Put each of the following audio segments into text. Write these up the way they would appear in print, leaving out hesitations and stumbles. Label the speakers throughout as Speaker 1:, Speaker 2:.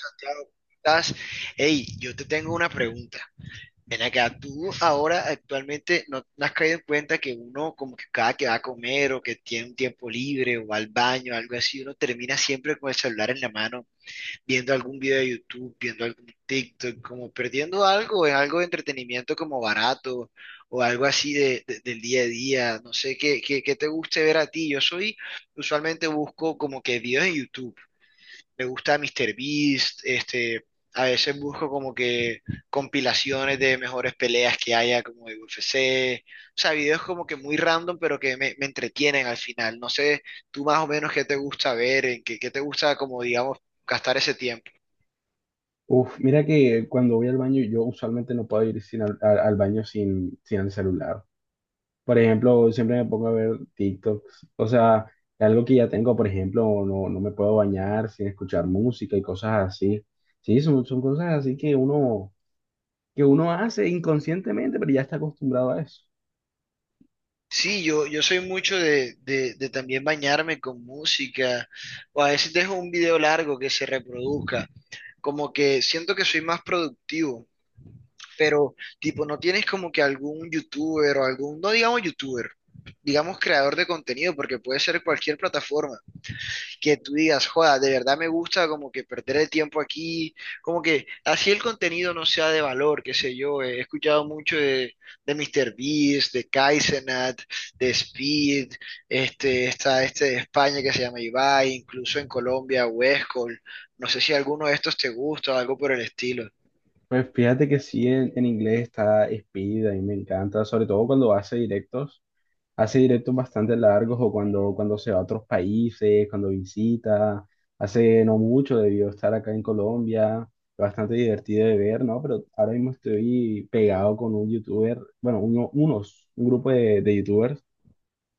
Speaker 1: Santiago, ¿cómo estás? Hey, yo te tengo una pregunta. Ven acá, tú ahora actualmente no has caído en cuenta que uno, como que cada que va a comer o que tiene un tiempo libre o va al baño, algo así, uno termina siempre con el celular en la mano, viendo algún video de YouTube, viendo algún TikTok, como perdiendo algo en algo de entretenimiento como barato o algo así del día a día. No sé qué te guste ver a ti. Yo soy, usualmente busco como que videos en YouTube. Me gusta míster Beast, a veces busco como que compilaciones de mejores peleas que haya como de UFC, o sea, videos como que muy random, pero que me entretienen al final. No sé, tú más o menos qué te gusta ver, en qué te gusta como, digamos, gastar ese tiempo.
Speaker 2: Uf, mira que cuando voy al baño, yo usualmente no puedo ir sin al baño sin el celular. Por ejemplo, siempre me pongo a ver TikToks. O sea, algo que ya tengo, por ejemplo, no me puedo bañar sin escuchar música y cosas así. Sí, son cosas así que uno hace inconscientemente, pero ya está acostumbrado a eso.
Speaker 1: Sí, yo soy mucho de también bañarme con música, o a veces dejo un video largo que se reproduzca, como que siento que soy más productivo. Pero tipo, no tienes como que algún youtuber o algún, no digamos youtuber, digamos creador de contenido, porque puede ser cualquier plataforma, que tú digas, joda, de verdad me gusta como que perder el tiempo aquí, como que así el contenido no sea de valor, qué sé yo, he escuchado mucho de míster Beast, de Kaizenat, de Speed, está este de España que se llama Ibai, incluso en Colombia, Westcol, no sé si alguno de estos te gusta o algo por el estilo.
Speaker 2: Pues fíjate que sí, en inglés está Speed, a mí me encanta, sobre todo cuando hace directos. Hace directos bastante largos o cuando se va a otros países, cuando visita. Hace no mucho debió estar acá en Colombia, bastante divertido de ver, ¿no? Pero ahora mismo estoy pegado con un youtuber, bueno, un grupo de youtubers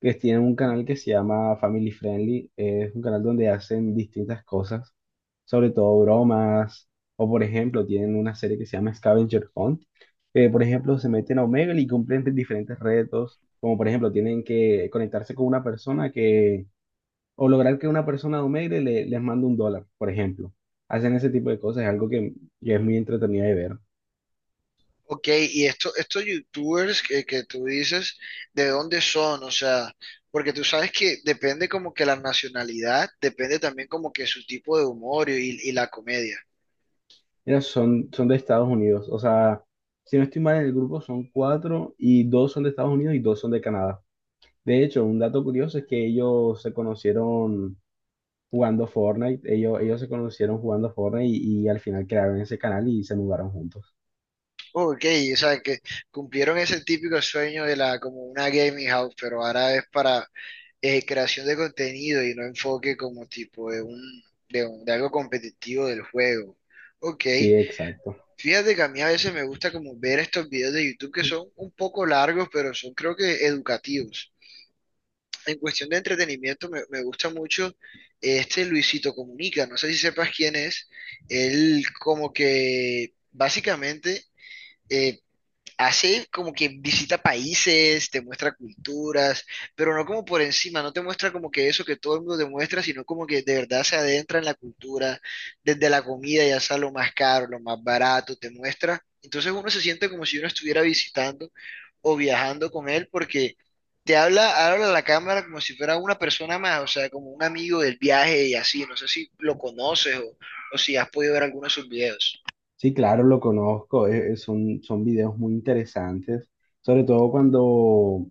Speaker 2: que tienen un canal que se llama Family Friendly. Es un canal donde hacen distintas cosas, sobre todo bromas, o por ejemplo, tienen una serie que se llama Scavenger Hunt, que por ejemplo se meten a Omegle y cumplen diferentes retos, como por ejemplo tienen que conectarse con una persona que, o lograr que una persona de Omegle les mande un dólar, por ejemplo. Hacen ese tipo de cosas, es algo que es muy entretenido de ver.
Speaker 1: Ok, y esto, estos youtubers que tú dices, ¿de dónde son? O sea, porque tú sabes que depende como que la nacionalidad, depende también como que su tipo de humor y la comedia.
Speaker 2: Mira, son de Estados Unidos. O sea, si no estoy mal en el grupo, son cuatro y dos son de Estados Unidos y dos son de Canadá. De hecho, un dato curioso es que ellos se conocieron jugando Fortnite. Ellos se conocieron jugando Fortnite y al final crearon ese canal y se mudaron juntos.
Speaker 1: Ok, o sea, que cumplieron ese típico sueño de la como una gaming house, pero ahora es para creación de contenido y no enfoque como tipo de un, de algo competitivo del juego. Ok.
Speaker 2: Sí, exacto.
Speaker 1: Fíjate que a mí a veces me gusta como ver estos videos de YouTube que son un poco largos, pero son creo que educativos. En cuestión de entretenimiento me gusta mucho este Luisito Comunica. No sé si sepas quién es. Él como que básicamente eh, hace como que visita países, te muestra culturas, pero no como por encima, no te muestra como que eso que todo el mundo te muestra, sino como que de verdad se adentra en la cultura, desde la comida, ya sea lo más caro, lo más barato, te muestra. Entonces uno se siente como si uno estuviera visitando o viajando con él porque te habla a la cámara como si fuera una persona más, o sea, como un amigo del viaje y así, no sé si lo conoces o si has podido ver algunos de sus videos.
Speaker 2: Sí, claro, lo conozco. Son, son videos muy interesantes, sobre todo cuando,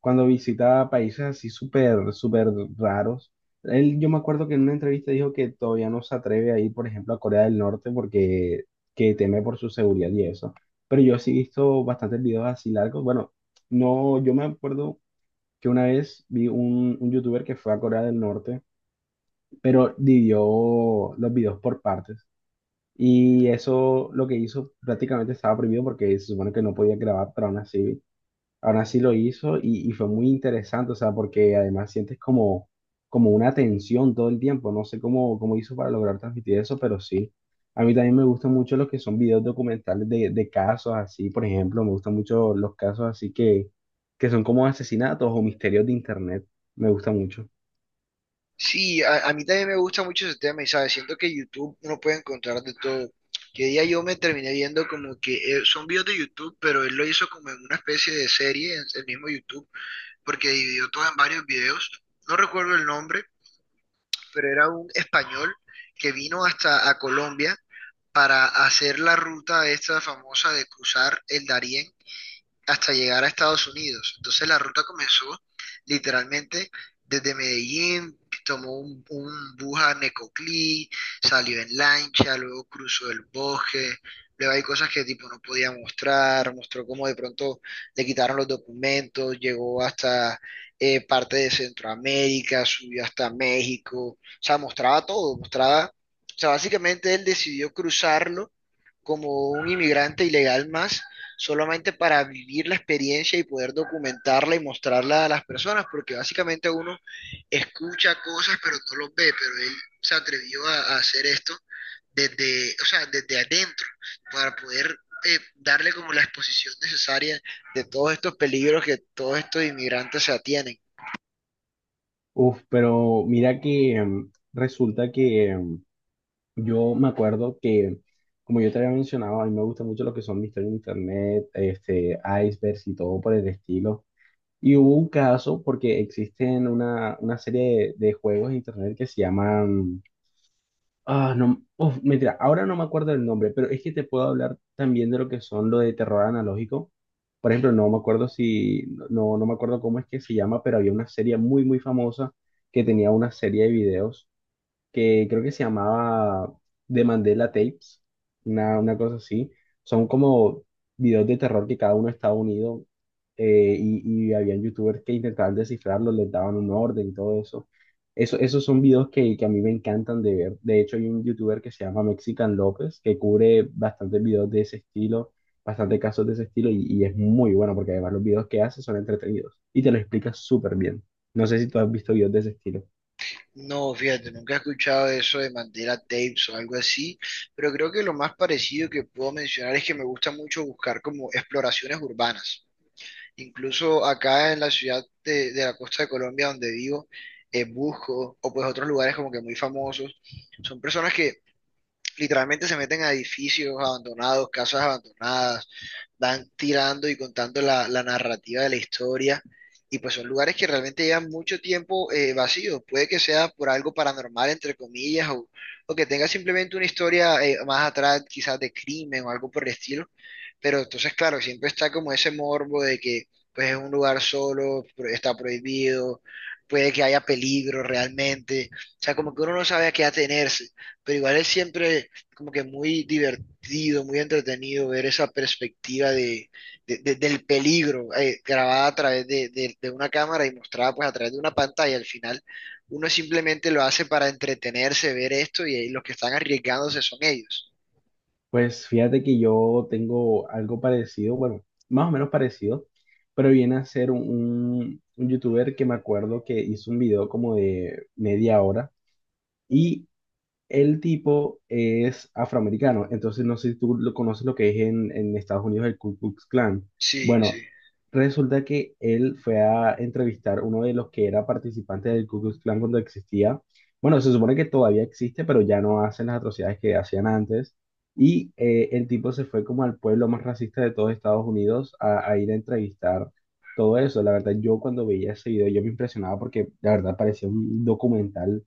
Speaker 2: cuando visita países así súper, súper raros. Él, yo me acuerdo que en una entrevista dijo que todavía no se atreve a ir, por ejemplo, a Corea del Norte porque que teme por su seguridad y eso. Pero yo sí he visto bastantes videos así largos. Bueno, no, yo me acuerdo que una vez vi un youtuber que fue a Corea del Norte, pero dividió los videos por partes. Y eso lo que hizo prácticamente estaba prohibido porque se supone que no podía grabar, pero aún así lo hizo y fue muy interesante, o sea, porque además sientes como, como una tensión todo el tiempo, no sé cómo, cómo hizo para lograr transmitir eso, pero sí. A mí también me gustan mucho los que son videos documentales de casos así, por ejemplo, me gustan mucho los casos así que son como asesinatos o misterios de internet, me gusta mucho.
Speaker 1: Sí, a mí también me gusta mucho ese tema y sabes, siento que YouTube uno puede encontrar de todo. Que día yo me terminé viendo como que son videos de YouTube, pero él lo hizo como en una especie de serie en el mismo YouTube, porque dividió todo en varios videos. No recuerdo el nombre, pero era un español que vino hasta a Colombia para hacer la ruta esta famosa de cruzar el Darién hasta llegar a Estados Unidos. Entonces la ruta comenzó literalmente desde Medellín, tomó un bus a Necoclí, salió en lancha, luego cruzó el bosque, luego hay cosas que tipo no podía mostrar, mostró cómo de pronto le quitaron los documentos, llegó hasta parte de Centroamérica, subió hasta México, o sea, mostraba todo, mostraba, o sea, básicamente él decidió cruzarlo como un inmigrante ilegal más, solamente para vivir la experiencia y poder documentarla y mostrarla a las personas, porque básicamente uno escucha cosas pero no los ve, pero él se atrevió a hacer esto desde, o sea, desde adentro, para poder darle como la exposición necesaria de todos estos peligros que todos estos inmigrantes se atienen.
Speaker 2: Uf, pero mira que resulta que yo me acuerdo que, como yo te había mencionado, a mí me gusta mucho lo que son misterios en internet, este, icebergs y todo por el estilo. Y hubo un caso porque existen una serie de juegos en internet que se llaman... Ah, no, uf, mentira, ahora no me acuerdo del nombre, pero es que te puedo hablar también de lo que son lo de terror analógico. Por ejemplo, no me acuerdo si, no, no me acuerdo cómo es que se llama, pero había una serie muy, muy famosa que tenía una serie de videos que creo que se llamaba The Mandela Tapes, una cosa así. Son como videos de terror que cada uno estaba unido y habían youtubers que intentaban descifrarlos, les daban un orden y todo eso. Esos son videos que a mí me encantan de ver. De hecho, hay un youtuber que se llama Mexican López que cubre bastantes videos de ese estilo, bastantes casos de ese estilo y es muy bueno porque además los videos que hace son entretenidos y te lo explica súper bien. No sé si tú has visto videos de ese estilo.
Speaker 1: No, fíjate, nunca he escuchado eso de Mandela Tapes o algo así, pero creo que lo más parecido que puedo mencionar es que me gusta mucho buscar como exploraciones urbanas. Incluso acá en la ciudad de la costa de Colombia donde vivo, busco, o pues otros lugares como que muy famosos, son personas que literalmente se meten a edificios abandonados, casas abandonadas, van tirando y contando la narrativa de la historia. Y pues son lugares que realmente llevan mucho tiempo vacíos. Puede que sea por algo paranormal, entre comillas, o que tenga simplemente una historia más atrás, quizás de crimen o algo por el estilo. Pero entonces, claro, siempre está como ese morbo de que pues es un lugar solo, está prohibido, puede que haya peligro realmente. O sea, como que uno no sabe a qué atenerse pero igual es siempre como que muy divertido, muy entretenido ver esa perspectiva del peligro grabada a través de una cámara y mostrada pues a través de una pantalla. Al final uno simplemente lo hace para entretenerse, ver esto y ahí los que están arriesgándose son ellos.
Speaker 2: Pues fíjate que yo tengo algo parecido, bueno, más o menos parecido, pero viene a ser un youtuber que me acuerdo que hizo un video como de media hora y el tipo es afroamericano, entonces no sé si tú lo conoces lo que es en Estados Unidos el Ku Klux Klan.
Speaker 1: Sí, sí.
Speaker 2: Bueno, resulta que él fue a entrevistar uno de los que era participante del Ku Klux Klan cuando existía. Bueno, se supone que todavía existe, pero ya no hacen las atrocidades que hacían antes. Y el tipo se fue como al pueblo más racista de todos Estados Unidos a ir a entrevistar todo eso. La verdad, yo cuando veía ese video, yo me impresionaba porque la verdad parecía un documental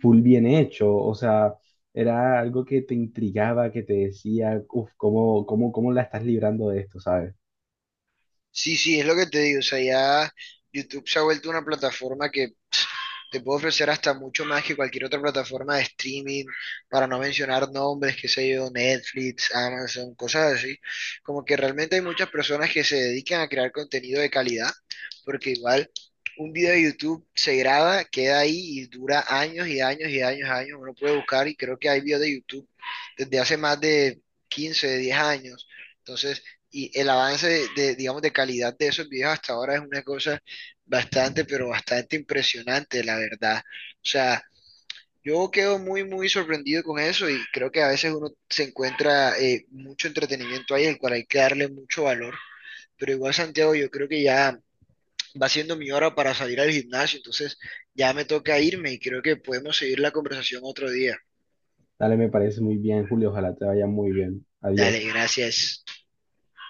Speaker 2: full bien hecho, o sea, era algo que te intrigaba, que te decía, uff, ¿cómo, cómo, cómo la estás librando de esto? ¿Sabes?
Speaker 1: Sí, sí, es lo que te digo. O sea, ya YouTube se ha vuelto una plataforma que te puede ofrecer hasta mucho más que cualquier otra plataforma de streaming, para no mencionar nombres, qué sé yo, Netflix, Amazon, cosas así. Como que realmente hay muchas personas que se dedican a crear contenido de calidad, porque igual un video de YouTube se graba, queda ahí y dura años y años y años, años. Uno puede buscar y creo que hay videos de YouTube desde hace más de 15, 10 años. Entonces, y el avance digamos, de calidad de esos videos hasta ahora es una cosa bastante, pero bastante impresionante, la verdad. O sea, yo quedo muy sorprendido con eso y creo que a veces uno se encuentra mucho entretenimiento ahí, el cual hay que darle mucho valor. Pero igual, Santiago, yo creo que ya va siendo mi hora para salir al gimnasio, entonces ya me toca irme y creo que podemos seguir la conversación otro día.
Speaker 2: Dale, me parece muy bien, Julio, ojalá te vaya muy bien.
Speaker 1: Dale,
Speaker 2: Adiós.
Speaker 1: gracias.